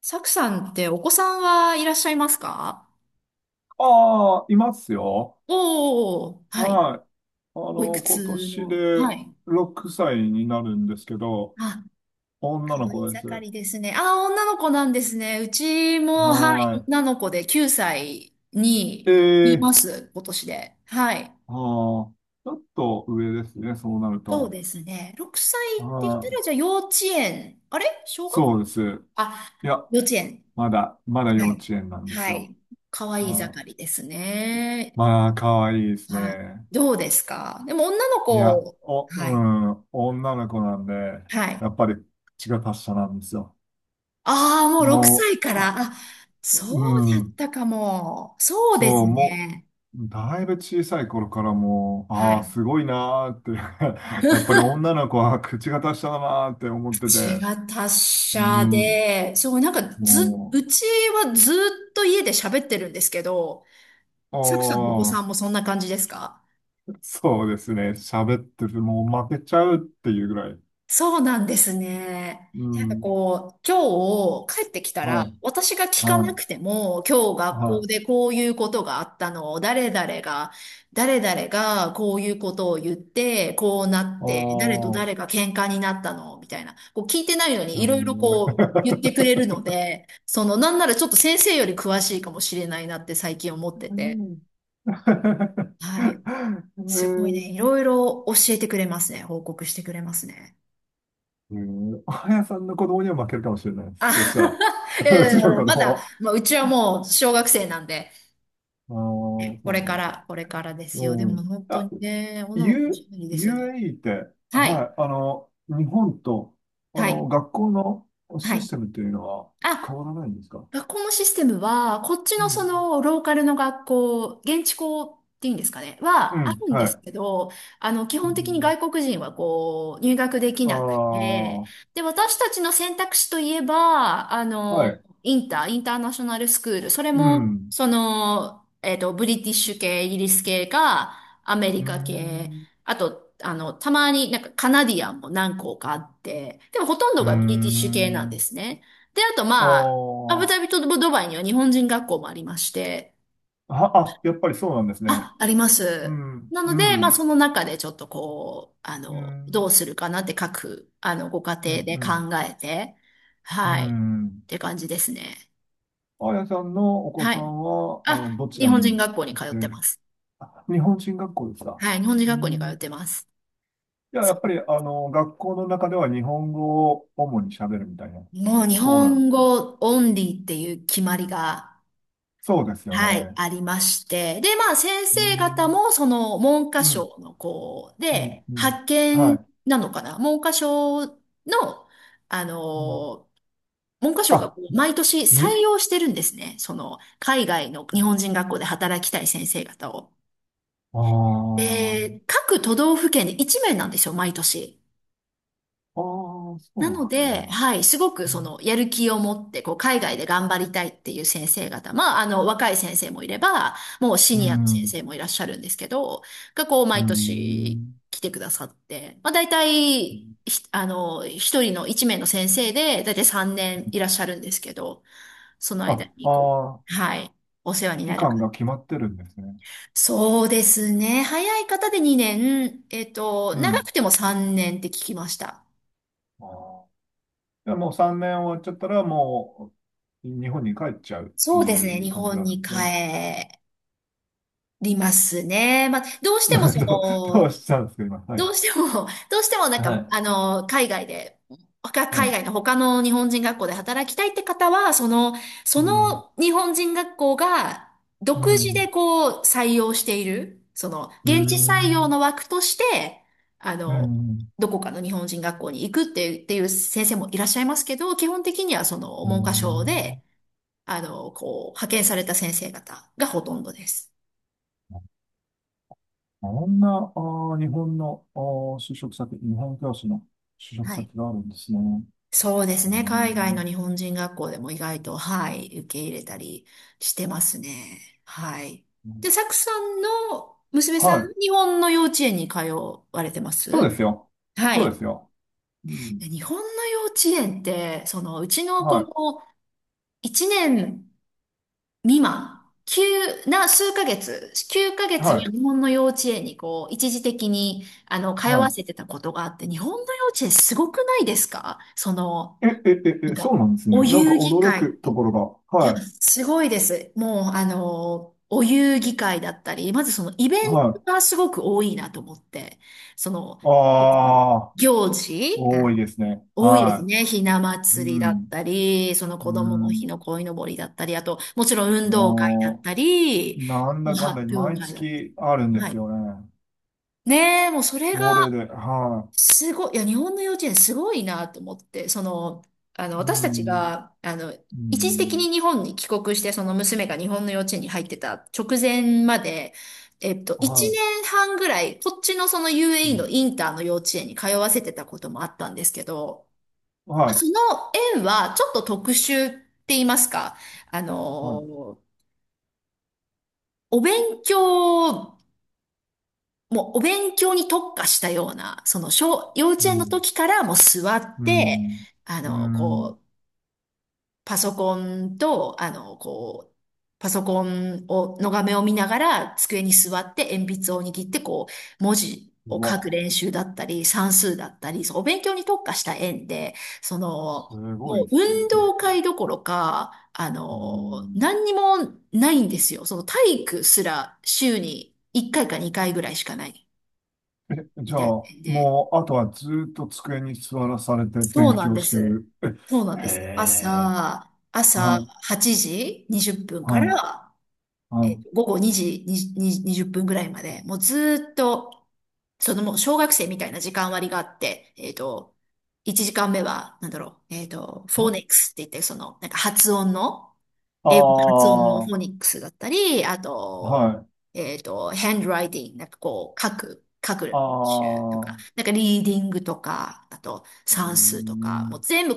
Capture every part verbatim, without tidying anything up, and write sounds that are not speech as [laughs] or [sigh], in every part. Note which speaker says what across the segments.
Speaker 1: サクさんってお子さんはいらっしゃいますか？
Speaker 2: ああ、いますよ。
Speaker 1: おおー、はい。
Speaker 2: はい。あ
Speaker 1: おいく
Speaker 2: の、今
Speaker 1: つ
Speaker 2: 年
Speaker 1: の、は
Speaker 2: で
Speaker 1: い。
Speaker 2: ろくさいになるんですけど、
Speaker 1: あ、
Speaker 2: 女
Speaker 1: 可
Speaker 2: の
Speaker 1: 愛い
Speaker 2: 子で
Speaker 1: 盛
Speaker 2: す。
Speaker 1: りですね。あ、女の子なんですね。うち
Speaker 2: は
Speaker 1: も、はい、女の子できゅうさい
Speaker 2: い。
Speaker 1: に
Speaker 2: え
Speaker 1: い
Speaker 2: え、
Speaker 1: ます、今年で。はい。
Speaker 2: ああ、ちょっと上ですね、そうなる
Speaker 1: そう
Speaker 2: と。
Speaker 1: ですね。ろくさいって言った
Speaker 2: は
Speaker 1: ら、
Speaker 2: い。
Speaker 1: じゃあ幼稚園。あれ、小学
Speaker 2: そうで
Speaker 1: 校、
Speaker 2: す。
Speaker 1: あ、
Speaker 2: いや、
Speaker 1: 幼稚園。
Speaker 2: まだ、まだ
Speaker 1: は
Speaker 2: 幼稚
Speaker 1: い。
Speaker 2: 園なんです
Speaker 1: は
Speaker 2: よ。
Speaker 1: い。可愛い
Speaker 2: は
Speaker 1: 盛
Speaker 2: い。
Speaker 1: りですね。
Speaker 2: まあ、可愛いです
Speaker 1: はい。
Speaker 2: ね。
Speaker 1: どうですか、でも女の
Speaker 2: いや、
Speaker 1: 子、
Speaker 2: お、
Speaker 1: は
Speaker 2: う
Speaker 1: い。
Speaker 2: ん、女の子なんで、
Speaker 1: はい。
Speaker 2: やっぱり口が達者なんですよ。
Speaker 1: ああ、もう6
Speaker 2: も
Speaker 1: 歳から。あ、
Speaker 2: う、う
Speaker 1: そうだっ
Speaker 2: ん。
Speaker 1: たかも。そうです
Speaker 2: そう、も
Speaker 1: ね。
Speaker 2: う、だいぶ小さい頃からもう、
Speaker 1: は
Speaker 2: ああ、
Speaker 1: い。
Speaker 2: すごいなーって [laughs] やっぱり女の子は口が達者だなーって思ってて、
Speaker 1: 口が達
Speaker 2: う
Speaker 1: 者
Speaker 2: ん、
Speaker 1: で、そう、なんかず、
Speaker 2: も
Speaker 1: うちはずっと家で喋ってるんですけど、
Speaker 2: う、
Speaker 1: サクさんのお子さ
Speaker 2: あ
Speaker 1: んもそんな感じですか？
Speaker 2: あ、そうですね、喋ってる、もう負けちゃうっていうぐらい、
Speaker 1: そうなんですね。
Speaker 2: う
Speaker 1: なんか
Speaker 2: ん、
Speaker 1: こう、今日帰ってきた
Speaker 2: は
Speaker 1: ら、私が
Speaker 2: い、
Speaker 1: 聞かな
Speaker 2: は
Speaker 1: くても、今日
Speaker 2: い、
Speaker 1: 学校
Speaker 2: はい、
Speaker 1: でこういうことがあったのを、誰々が、誰々がこういうことを言って、こうなっ
Speaker 2: あ
Speaker 1: て、誰と
Speaker 2: あ、
Speaker 1: 誰が喧嘩になったの、みたいな。こう聞いてないのに、
Speaker 2: う
Speaker 1: いろいろ
Speaker 2: ん [laughs] う
Speaker 1: こう言ってくれるので、その、なんならちょっと先生より詳しいかもしれないなって最近思ってて。
Speaker 2: ん
Speaker 1: はい。すごいね。いろいろ教えてくれますね。報告してくれますね。
Speaker 2: うん [laughs] あやさんの子供には負けるかもしれないで
Speaker 1: あ、
Speaker 2: す。そしたら、
Speaker 1: [laughs] いや
Speaker 2: [laughs] う
Speaker 1: いやい
Speaker 2: ちの
Speaker 1: や、
Speaker 2: 子
Speaker 1: まだ、
Speaker 2: 供。
Speaker 1: まあ、うちはもう小学生なんで、
Speaker 2: ああ、そう
Speaker 1: これ
Speaker 2: な
Speaker 1: か
Speaker 2: んですよ。
Speaker 1: ら、これからですよ。で
Speaker 2: う
Speaker 1: も
Speaker 2: ん。
Speaker 1: 本当
Speaker 2: あ、
Speaker 1: にね、女の子おし
Speaker 2: U、
Speaker 1: ゃべりですよね。
Speaker 2: ユーエーイー って、
Speaker 1: は
Speaker 2: は
Speaker 1: い、
Speaker 2: い、あの、日本と、あ
Speaker 1: は
Speaker 2: の、
Speaker 1: い、
Speaker 2: 学校の
Speaker 1: は
Speaker 2: シ
Speaker 1: い。
Speaker 2: ステムっていうのは変
Speaker 1: あ、
Speaker 2: わらないんですか？
Speaker 1: 学校のシステムは、こっち
Speaker 2: う
Speaker 1: のそ
Speaker 2: ん。
Speaker 1: のローカルの学校、現地校っていうんですかね、
Speaker 2: う
Speaker 1: はあ
Speaker 2: ん、
Speaker 1: るんで
Speaker 2: は
Speaker 1: す
Speaker 2: い。
Speaker 1: けど、あの、基
Speaker 2: う
Speaker 1: 本的に
Speaker 2: ん、
Speaker 1: 外国人はこう、入学でき
Speaker 2: あ
Speaker 1: なくて、
Speaker 2: あ、
Speaker 1: で、私たちの選択肢といえば、あ
Speaker 2: は
Speaker 1: の、
Speaker 2: い。
Speaker 1: インター、インターナショナルスクール、それ
Speaker 2: う
Speaker 1: も、
Speaker 2: ん。
Speaker 1: その、えっと、ブリティッシュ系、イギリス系か、アメ
Speaker 2: う
Speaker 1: リ
Speaker 2: ー
Speaker 1: カ系、
Speaker 2: ん。
Speaker 1: あと、あの、たまになんかカナディアンも何校かあって、でもほとんど
Speaker 2: うー
Speaker 1: がブリティッシュ系なんで
Speaker 2: ん。
Speaker 1: すね。で、あと
Speaker 2: あ
Speaker 1: まあ、アブダ
Speaker 2: ー
Speaker 1: ビとドバイには日本人学校もありまして、
Speaker 2: あ、あ、やっぱりそうなんですね。
Speaker 1: あ、ありま
Speaker 2: う
Speaker 1: す。
Speaker 2: ん、
Speaker 1: な
Speaker 2: う
Speaker 1: ので、まあ
Speaker 2: ん、
Speaker 1: その中でちょっとこう、あ
Speaker 2: う
Speaker 1: の、どう
Speaker 2: ん、
Speaker 1: するかなって各、あの、ご家
Speaker 2: う
Speaker 1: 庭
Speaker 2: ん、
Speaker 1: で
Speaker 2: う
Speaker 1: 考
Speaker 2: ん、
Speaker 1: えて、
Speaker 2: う
Speaker 1: はい、っ
Speaker 2: ん。
Speaker 1: て感じですね。
Speaker 2: あやさんのお子
Speaker 1: は
Speaker 2: さ
Speaker 1: い。
Speaker 2: んは、あの、
Speaker 1: あ、
Speaker 2: どち
Speaker 1: 日
Speaker 2: ら
Speaker 1: 本人
Speaker 2: に
Speaker 1: 学校に
Speaker 2: 行っ
Speaker 1: 通っ
Speaker 2: て
Speaker 1: て
Speaker 2: る？
Speaker 1: ます。
Speaker 2: あ、日本人学校ですか？
Speaker 1: はい、日本人
Speaker 2: う
Speaker 1: 学校に通っ
Speaker 2: ん。
Speaker 1: てます。
Speaker 2: じゃあ、や
Speaker 1: そ
Speaker 2: っぱり、あの、学校の中では日本語を主に喋るみたいなと
Speaker 1: う、もう日
Speaker 2: ころなんで
Speaker 1: 本
Speaker 2: すね。
Speaker 1: 語オンリーっていう決まりが、
Speaker 2: そうですよ
Speaker 1: はい、
Speaker 2: ね。
Speaker 1: ありまして。で、まあ、先
Speaker 2: う
Speaker 1: 生方
Speaker 2: ん。
Speaker 1: も、その、文科
Speaker 2: うん。
Speaker 1: 省の、こう、
Speaker 2: うん。
Speaker 1: で、
Speaker 2: うん。
Speaker 1: 派
Speaker 2: は
Speaker 1: 遣
Speaker 2: い。
Speaker 1: なのかな、文科省の、あ
Speaker 2: うん。
Speaker 1: の、文科省がこ
Speaker 2: あ、
Speaker 1: う毎年採
Speaker 2: に、
Speaker 1: 用してるんですね。その、海外の日本人学校で働きたい先生方を。
Speaker 2: ああ、
Speaker 1: で、各都道府県で一名なんですよ、毎年。
Speaker 2: ああ、そう
Speaker 1: な
Speaker 2: なん
Speaker 1: の
Speaker 2: です
Speaker 1: で、
Speaker 2: ね。
Speaker 1: はい、すごくそのやる気を持って、こう、海外で頑張りたいっていう先生方、まあ、あの、若い先生もいれば、もうシ
Speaker 2: う
Speaker 1: ニアの先
Speaker 2: ん。
Speaker 1: 生もいらっしゃるんですけど、がこう、
Speaker 2: う
Speaker 1: 毎年
Speaker 2: ん。
Speaker 1: 来てくださって、まあ、大
Speaker 2: う
Speaker 1: 体、
Speaker 2: ん。
Speaker 1: ひあの、一人の一名の先生で、大体さんねんいらっしゃるんですけど、その
Speaker 2: あ、
Speaker 1: 間
Speaker 2: あ
Speaker 1: にこう、
Speaker 2: あ、
Speaker 1: はい、お世話に
Speaker 2: 期
Speaker 1: なる
Speaker 2: 間
Speaker 1: から。
Speaker 2: が決まってるんですね。
Speaker 1: そうですね。早い方でにねん、えっと、
Speaker 2: う
Speaker 1: 長
Speaker 2: ん。
Speaker 1: くてもさんねんって聞きました。
Speaker 2: ああ。でもうさんねん終わっちゃったら、もう日本に帰っちゃうって
Speaker 1: そうです
Speaker 2: い
Speaker 1: ね。
Speaker 2: う
Speaker 1: 日
Speaker 2: 感じ
Speaker 1: 本
Speaker 2: なん
Speaker 1: に
Speaker 2: で
Speaker 1: 帰
Speaker 2: すね。
Speaker 1: りますね。まあ、どう
Speaker 2: [laughs]
Speaker 1: しても
Speaker 2: なん
Speaker 1: そ
Speaker 2: かどう、どう
Speaker 1: の、
Speaker 2: したんですか、今。はい。
Speaker 1: どうしても、[laughs] どうしてもなん
Speaker 2: は
Speaker 1: か、
Speaker 2: い。
Speaker 1: あの、海外で、他
Speaker 2: は
Speaker 1: 海
Speaker 2: い。
Speaker 1: 外の他の日本人学校で働きたいって方は、その、そ
Speaker 2: うん。
Speaker 1: の日本人学校が
Speaker 2: う
Speaker 1: 独自で
Speaker 2: ん。
Speaker 1: こう採用している、その、
Speaker 2: う
Speaker 1: 現地採用
Speaker 2: ん。
Speaker 1: の枠として、あ
Speaker 2: う
Speaker 1: の、
Speaker 2: ん。
Speaker 1: どこかの日本人学校に行くっていう、っていう先生もいらっしゃいますけど、基本的にはその
Speaker 2: う
Speaker 1: 文科省で、
Speaker 2: ん。
Speaker 1: あの、こう、派遣された先生方がほとんどです。
Speaker 2: こんな、あー、日本の、あー、就職先、日本教師の就職
Speaker 1: はい、
Speaker 2: 先があるんですね。
Speaker 1: そうです
Speaker 2: うー
Speaker 1: ね。海外の
Speaker 2: ん。
Speaker 1: 日本人学校でも意外と、はい、受け入れたりしてますね。はい。で、サクさんの娘さん、
Speaker 2: はい。
Speaker 1: 日本の幼稚園に通われてま
Speaker 2: そう
Speaker 1: す？
Speaker 2: ですよ。
Speaker 1: は
Speaker 2: そうで
Speaker 1: い。
Speaker 2: すよ。うん。
Speaker 1: で、日本の幼稚園って、その、うちの子
Speaker 2: は
Speaker 1: もいちねん未満、急な数ヶ月、9ヶ
Speaker 2: い。
Speaker 1: 月は
Speaker 2: はい。
Speaker 1: 日本の幼稚園にこう、一時的に、あの、通
Speaker 2: は
Speaker 1: わ
Speaker 2: い。
Speaker 1: せてたことがあって、日本の幼稚園すごくないですか、その、
Speaker 2: え、え、え、
Speaker 1: なん
Speaker 2: え、そう
Speaker 1: か、
Speaker 2: なんですね。
Speaker 1: お
Speaker 2: なんか
Speaker 1: 遊戯
Speaker 2: 驚く
Speaker 1: 会。
Speaker 2: ところが。
Speaker 1: いや、
Speaker 2: はい。
Speaker 1: すごいです。もう、あの、お遊戯会だったり、まずそのイベン
Speaker 2: は
Speaker 1: ト
Speaker 2: い。
Speaker 1: がすごく多いなと思って、その、
Speaker 2: ああ、
Speaker 1: 行事、あ
Speaker 2: 多い
Speaker 1: の、
Speaker 2: ですね。
Speaker 1: 多いです
Speaker 2: は
Speaker 1: ね。ひな
Speaker 2: い。う
Speaker 1: 祭りだっ
Speaker 2: ん。
Speaker 1: たり、その
Speaker 2: う
Speaker 1: 子供の日
Speaker 2: ん。
Speaker 1: の鯉のぼりだったり、あと、もちろん運動会だっ
Speaker 2: も
Speaker 1: たり、
Speaker 2: う、なん
Speaker 1: もう
Speaker 2: だかんだ、
Speaker 1: 発表
Speaker 2: 毎
Speaker 1: 会だったり。
Speaker 2: 月あるんで
Speaker 1: は
Speaker 2: す
Speaker 1: い。
Speaker 2: よね。
Speaker 1: ねえ、もうそれが
Speaker 2: それで、は
Speaker 1: すごい、いや、日本の幼稚園すごいなと思って、その、あの、
Speaker 2: い。う
Speaker 1: 私たち
Speaker 2: ん。
Speaker 1: が、あの、
Speaker 2: う
Speaker 1: 一時的
Speaker 2: ん。
Speaker 1: に日本に帰国して、その娘が日本の幼稚園に入ってた直前まで、えっと、一
Speaker 2: はい。
Speaker 1: 年半ぐらい、こっちのその
Speaker 2: う
Speaker 1: ユーエーイー
Speaker 2: ん。
Speaker 1: のインターの幼稚園に通わせてたこともあったんですけど、ま
Speaker 2: は
Speaker 1: あ、そ
Speaker 2: い。
Speaker 1: の園はちょっと特殊って言いますか、あ
Speaker 2: はい。
Speaker 1: の、お勉強もうお勉強に特化したような、その小、幼
Speaker 2: う
Speaker 1: 稚園の
Speaker 2: ん。
Speaker 1: 時からもう座っ
Speaker 2: う
Speaker 1: て、
Speaker 2: ん。
Speaker 1: あ
Speaker 2: う
Speaker 1: の、
Speaker 2: ん。
Speaker 1: こう、パソコンと、あの、こう、パソコンを、の画面を見ながら、机に座って鉛筆を握って、こう、文字を
Speaker 2: う
Speaker 1: 書く
Speaker 2: わ、
Speaker 1: 練習だったり、算数だったり、そう、お勉強に特化した縁で、そ
Speaker 2: す
Speaker 1: の、
Speaker 2: ごい
Speaker 1: もう
Speaker 2: ですね。
Speaker 1: 運動会どころか、あ
Speaker 2: う
Speaker 1: の、
Speaker 2: ん。
Speaker 1: 何にもないんですよ。その体育すら週にいっかいかにかいぐらいしかない、み
Speaker 2: じゃ
Speaker 1: たい
Speaker 2: あ、
Speaker 1: なんで、
Speaker 2: もう、あとはずーっと机に座らされて
Speaker 1: そう
Speaker 2: 勉
Speaker 1: なん
Speaker 2: 強
Speaker 1: で
Speaker 2: して
Speaker 1: す。
Speaker 2: る。
Speaker 1: そうなん
Speaker 2: え
Speaker 1: で
Speaker 2: へ
Speaker 1: す。
Speaker 2: え。
Speaker 1: 朝、朝
Speaker 2: はい。
Speaker 1: はちじにじゅっぷんか
Speaker 2: はい。
Speaker 1: ら、
Speaker 2: は
Speaker 1: え、午後にじに、にじゅっぷんぐらいまで、もうずーっと、そのもう小学生みたいな時間割があって、えっと、いちじかんめは、なんだろう、えっと、フォーネッ
Speaker 2: い。
Speaker 1: クスって言って、その、なんか発音の、
Speaker 2: あ
Speaker 1: 英語の発音
Speaker 2: あ、
Speaker 1: のフ
Speaker 2: は
Speaker 1: ォニックスだったり、あと、
Speaker 2: い。
Speaker 1: えっと、ハンドライティング、なんかこう、書く、書く
Speaker 2: あ
Speaker 1: 練習と
Speaker 2: あ、
Speaker 1: か、
Speaker 2: う
Speaker 1: なんかリーディングとか、あと
Speaker 2: ー
Speaker 1: 算数とか、もう
Speaker 2: ん、
Speaker 1: 全部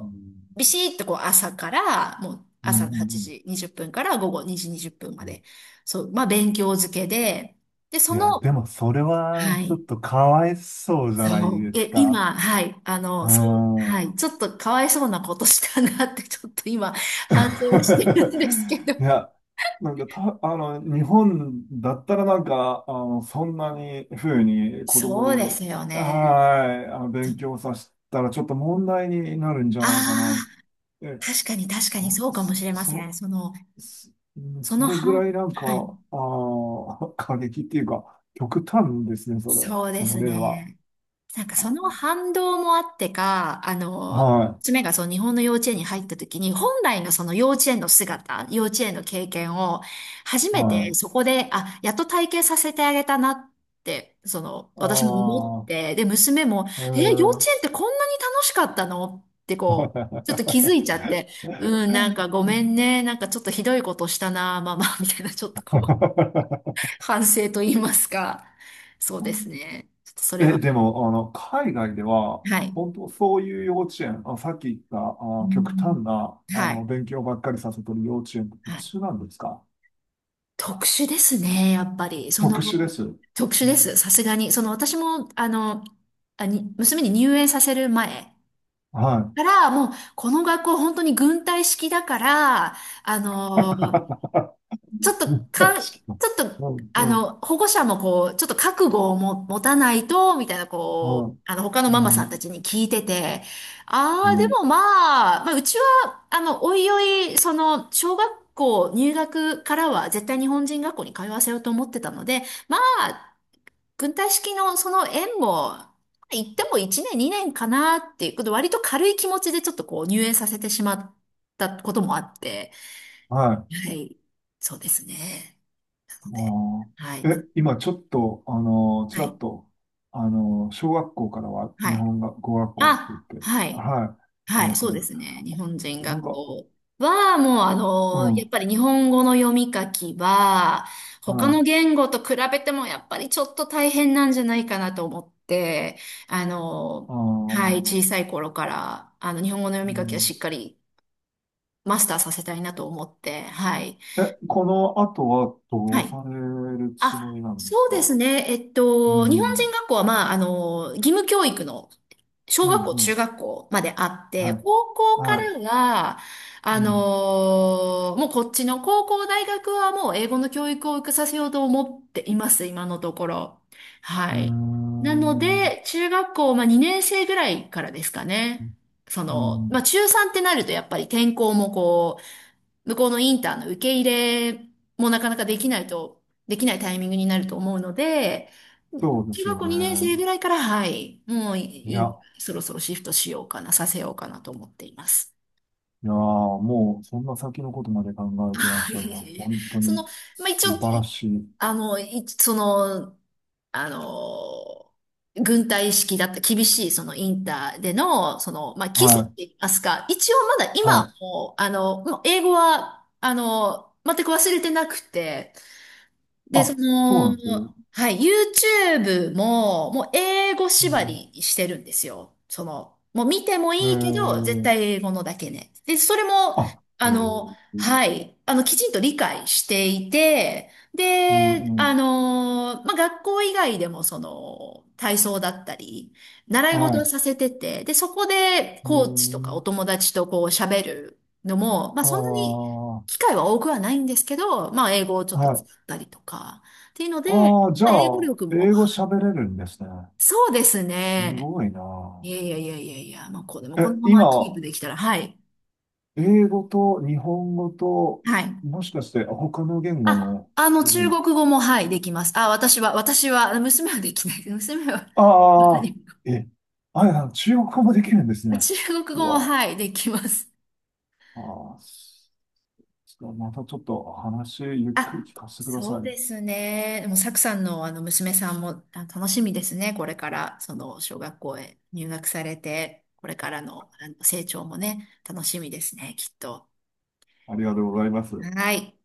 Speaker 2: うん、
Speaker 1: う、ビシッとこう朝から、もう
Speaker 2: うん、う
Speaker 1: 朝の8
Speaker 2: ん。
Speaker 1: 時にじゅっぷんから午後にじにじゅっぷんまで、そう、まあ勉強漬けで、で、そ
Speaker 2: いや、
Speaker 1: の、
Speaker 2: でもそれ
Speaker 1: は
Speaker 2: はちょっ
Speaker 1: い、
Speaker 2: とかわいそうじゃない
Speaker 1: そ
Speaker 2: で
Speaker 1: う、
Speaker 2: す
Speaker 1: え、
Speaker 2: か。
Speaker 1: 今、はい、あ
Speaker 2: う
Speaker 1: の、そう、は
Speaker 2: ん。
Speaker 1: い、
Speaker 2: [laughs]
Speaker 1: ちょっとかわいそうなことしたなって、[laughs] ちょっと今、反省をしてるんですけど。
Speaker 2: いや、なんかた、あの、日本だったらなんか、あの、そんなに風に子供
Speaker 1: そうで
Speaker 2: に、
Speaker 1: すよね。
Speaker 2: はい、あの、勉強させたらちょっと問題になるんじゃないかなっ
Speaker 1: ああ
Speaker 2: て。
Speaker 1: ー、確かに確かに
Speaker 2: そ、
Speaker 1: そうかもしれませ
Speaker 2: そ、
Speaker 1: ん。その、
Speaker 2: す
Speaker 1: そ
Speaker 2: そ
Speaker 1: の
Speaker 2: れぐ
Speaker 1: 半、
Speaker 2: らいなんか、
Speaker 1: はい、
Speaker 2: あー、[laughs] 過激っていうか、極端ですね、それ、
Speaker 1: そうで
Speaker 2: その
Speaker 1: す
Speaker 2: 例は。
Speaker 1: ね。なんかその反動もあってか、あの、
Speaker 2: は
Speaker 1: 娘がその日本の幼稚園に入った時に、本来のその幼稚園の姿、幼稚園の経験を、初
Speaker 2: い、
Speaker 1: め
Speaker 2: は
Speaker 1: て
Speaker 2: い。
Speaker 1: そこで、あ、やっと体験させてあげたなって、その、
Speaker 2: あ
Speaker 1: 私も思っ
Speaker 2: あ、
Speaker 1: て、で、娘も、
Speaker 2: う
Speaker 1: え、幼
Speaker 2: ー
Speaker 1: 稚
Speaker 2: ん。
Speaker 1: 園ってこんなに楽しかったのってこう、ちょっと気づいちゃって、うん、なんかごめんね、
Speaker 2: [laughs]
Speaker 1: なんかちょっとひどいことしたな、ママ、[laughs] みたいな、ちょっとこう、反省と言いますか。そうですね。ちょっとそれ
Speaker 2: え、
Speaker 1: は。
Speaker 2: でも、あの、海外では、
Speaker 1: はい。
Speaker 2: 本当そういう幼稚園、あ、さっき言った、
Speaker 1: う
Speaker 2: あ、極
Speaker 1: ん。
Speaker 2: 端な、あ
Speaker 1: は
Speaker 2: の、
Speaker 1: い。
Speaker 2: 勉強ばっかりさせてる幼稚園って普
Speaker 1: はい。
Speaker 2: 通なんですか？
Speaker 1: 特殊ですね、やっぱり。そ
Speaker 2: 特
Speaker 1: の、
Speaker 2: 殊です。う
Speaker 1: 特殊です、
Speaker 2: ん、
Speaker 1: さすがに。その、私も、あの、あに、娘に入園させる前
Speaker 2: はい。
Speaker 1: から、もう、この学校、本当に軍隊式だから、あの、
Speaker 2: [laughs]
Speaker 1: ちょっと、か
Speaker 2: 確
Speaker 1: ん、
Speaker 2: かに。
Speaker 1: ちょっと、
Speaker 2: う
Speaker 1: あ
Speaker 2: ん、うん、
Speaker 1: の、保護者もこう、ちょっと覚悟をも持たないと、みたいな、こう、
Speaker 2: はい。
Speaker 1: あの、他のマ
Speaker 2: う
Speaker 1: マさんた
Speaker 2: ん、
Speaker 1: ちに聞いてて、
Speaker 2: う
Speaker 1: ああ、で
Speaker 2: ん、
Speaker 1: もまあ、まあ、うちは、あの、おいおい、その、小学校入学からは絶対日本人学校に通わせようと思ってたので、まあ、軍隊式のその縁も、行ってもいちねん、にねんかなっていうこと、割と軽い気持ちでちょっとこう、入園させてしまったこともあって、
Speaker 2: はい。
Speaker 1: はい。そうですね。なので、
Speaker 2: あ
Speaker 1: はい。
Speaker 2: ー
Speaker 1: な、
Speaker 2: え、今ちょっと、あのー、ち
Speaker 1: は
Speaker 2: ら
Speaker 1: い。
Speaker 2: っと、あのー、小学校からは日
Speaker 1: はい。
Speaker 2: 本が語学校って
Speaker 1: あ、
Speaker 2: 言って、
Speaker 1: はい。
Speaker 2: はい、言って
Speaker 1: は
Speaker 2: ま
Speaker 1: い。
Speaker 2: し
Speaker 1: そ
Speaker 2: た
Speaker 1: うで
Speaker 2: ね。
Speaker 1: すね。日本人
Speaker 2: なん
Speaker 1: 学
Speaker 2: か、
Speaker 1: 校は、もう、あ
Speaker 2: う
Speaker 1: の、やっ
Speaker 2: ん、
Speaker 1: ぱり日本語の読み書きは、
Speaker 2: は
Speaker 1: 他の
Speaker 2: い。
Speaker 1: 言語と比べても、やっぱりちょっと大変なんじゃないかなと思って、あ
Speaker 2: あ
Speaker 1: の、はい。
Speaker 2: ー、
Speaker 1: 小さい頃から、あの、日本語の読
Speaker 2: う
Speaker 1: み書きは
Speaker 2: ん、
Speaker 1: しっかりマスターさせたいなと思って、はい。
Speaker 2: え、この後はど
Speaker 1: は
Speaker 2: う
Speaker 1: い。
Speaker 2: されるつも
Speaker 1: あ、
Speaker 2: りなんです
Speaker 1: そうで
Speaker 2: か？
Speaker 1: すね。えっ
Speaker 2: う
Speaker 1: と、日本人
Speaker 2: ん、
Speaker 1: 学校は、まあ、あの、義務教育の小
Speaker 2: うん、う
Speaker 1: 学校、中
Speaker 2: ん、
Speaker 1: 学校まであって、
Speaker 2: はい、
Speaker 1: 高校か
Speaker 2: はい、
Speaker 1: らが、
Speaker 2: う
Speaker 1: あ
Speaker 2: ん、
Speaker 1: のもうこっちの高校、大学はもう英語の教育を受けさせようと思っています、今のところ。は
Speaker 2: うー
Speaker 1: い。なの
Speaker 2: ん、
Speaker 1: で、中学校、まあ、にねん生ぐらいからですかね。そ
Speaker 2: う
Speaker 1: の、まあ、
Speaker 2: ん、
Speaker 1: 中さんってなるとやっぱり転校もこう、向こうのインターの受け入れもなかなかできないと、できないタイミングになると思うので、
Speaker 2: そうで
Speaker 1: 中
Speaker 2: す
Speaker 1: 学
Speaker 2: よ
Speaker 1: 校
Speaker 2: ね。
Speaker 1: にねん生ぐらいから、はい、もうい
Speaker 2: いや、
Speaker 1: いそろそろシフトしようかな、させようかなと思っています。
Speaker 2: いやー、もうそんな先のことまで考えてらっ
Speaker 1: は
Speaker 2: しゃるな。
Speaker 1: い。
Speaker 2: 本当
Speaker 1: その、
Speaker 2: に
Speaker 1: まあ、一
Speaker 2: 素
Speaker 1: 応、
Speaker 2: 晴ら
Speaker 1: い
Speaker 2: しい。
Speaker 1: あの、いその、あの、軍隊式だった厳しいそのインターでの、その、まあ、基
Speaker 2: は
Speaker 1: 礎って
Speaker 2: い、
Speaker 1: 言いますか、一応まだ
Speaker 2: は
Speaker 1: 今
Speaker 2: い。
Speaker 1: も、あの、もう英語は、あの、全く忘れてなくて、で、そ
Speaker 2: あ、そうな
Speaker 1: の、
Speaker 2: んですよ。
Speaker 1: はい、ユーチューブ も、もう英語
Speaker 2: う
Speaker 1: 縛
Speaker 2: ん、
Speaker 1: りにしてるんですよ。その、もう見ても
Speaker 2: え
Speaker 1: いいけど、絶
Speaker 2: ー、
Speaker 1: 対英語のだけね。で、それも、
Speaker 2: あ、え
Speaker 1: あ
Speaker 2: ー、
Speaker 1: の、はい、あの、きちんと理解していて、
Speaker 2: うん、
Speaker 1: で、
Speaker 2: う
Speaker 1: あ
Speaker 2: ん。
Speaker 1: の、まあ、学校以外でも、その、体操だったり、習い
Speaker 2: は
Speaker 1: 事を
Speaker 2: い。
Speaker 1: させてて、で、そこで、
Speaker 2: うー
Speaker 1: コーチとかお
Speaker 2: ん、
Speaker 1: 友達とこう喋るのも、まあ、
Speaker 2: あ
Speaker 1: そんなに、
Speaker 2: あ、
Speaker 1: 機会は多くはないんですけど、まあ、英語をちょっと
Speaker 2: はい。
Speaker 1: たりとか。っていうので、
Speaker 2: ああ、じゃ
Speaker 1: まあ英語
Speaker 2: あ、
Speaker 1: 力も。
Speaker 2: 英語喋れるんですね。
Speaker 1: そうです
Speaker 2: す
Speaker 1: ね。
Speaker 2: ごいな。
Speaker 1: いやいやいやいやいや、まあ、こうでもこの
Speaker 2: え、
Speaker 1: ままキー
Speaker 2: 今、
Speaker 1: プできたら、はい。
Speaker 2: 英語と日本語と、
Speaker 1: はい。
Speaker 2: もしかして他の言語
Speaker 1: あ、
Speaker 2: も
Speaker 1: あの、
Speaker 2: 喋れ
Speaker 1: 中
Speaker 2: る？
Speaker 1: 国語も、はい、できます。あ、私は、私は、娘はできない。[laughs] 娘は、
Speaker 2: ああ、え、あや、中国語もできるんです
Speaker 1: [laughs]
Speaker 2: ね。
Speaker 1: 中国
Speaker 2: う
Speaker 1: 語も、
Speaker 2: わ、
Speaker 1: はい、できます。
Speaker 2: ああ、す、またちょっと話ゆっくり
Speaker 1: あ、
Speaker 2: 聞かせてくだ
Speaker 1: そ
Speaker 2: さ
Speaker 1: う
Speaker 2: い。
Speaker 1: ですね。でも、サクさんの、あの、娘さんも、あ、楽しみですね。これから、その、小学校へ入学されて、これからの、あの、成長もね、楽しみですね、きっと。
Speaker 2: ありがとうございます。
Speaker 1: はい。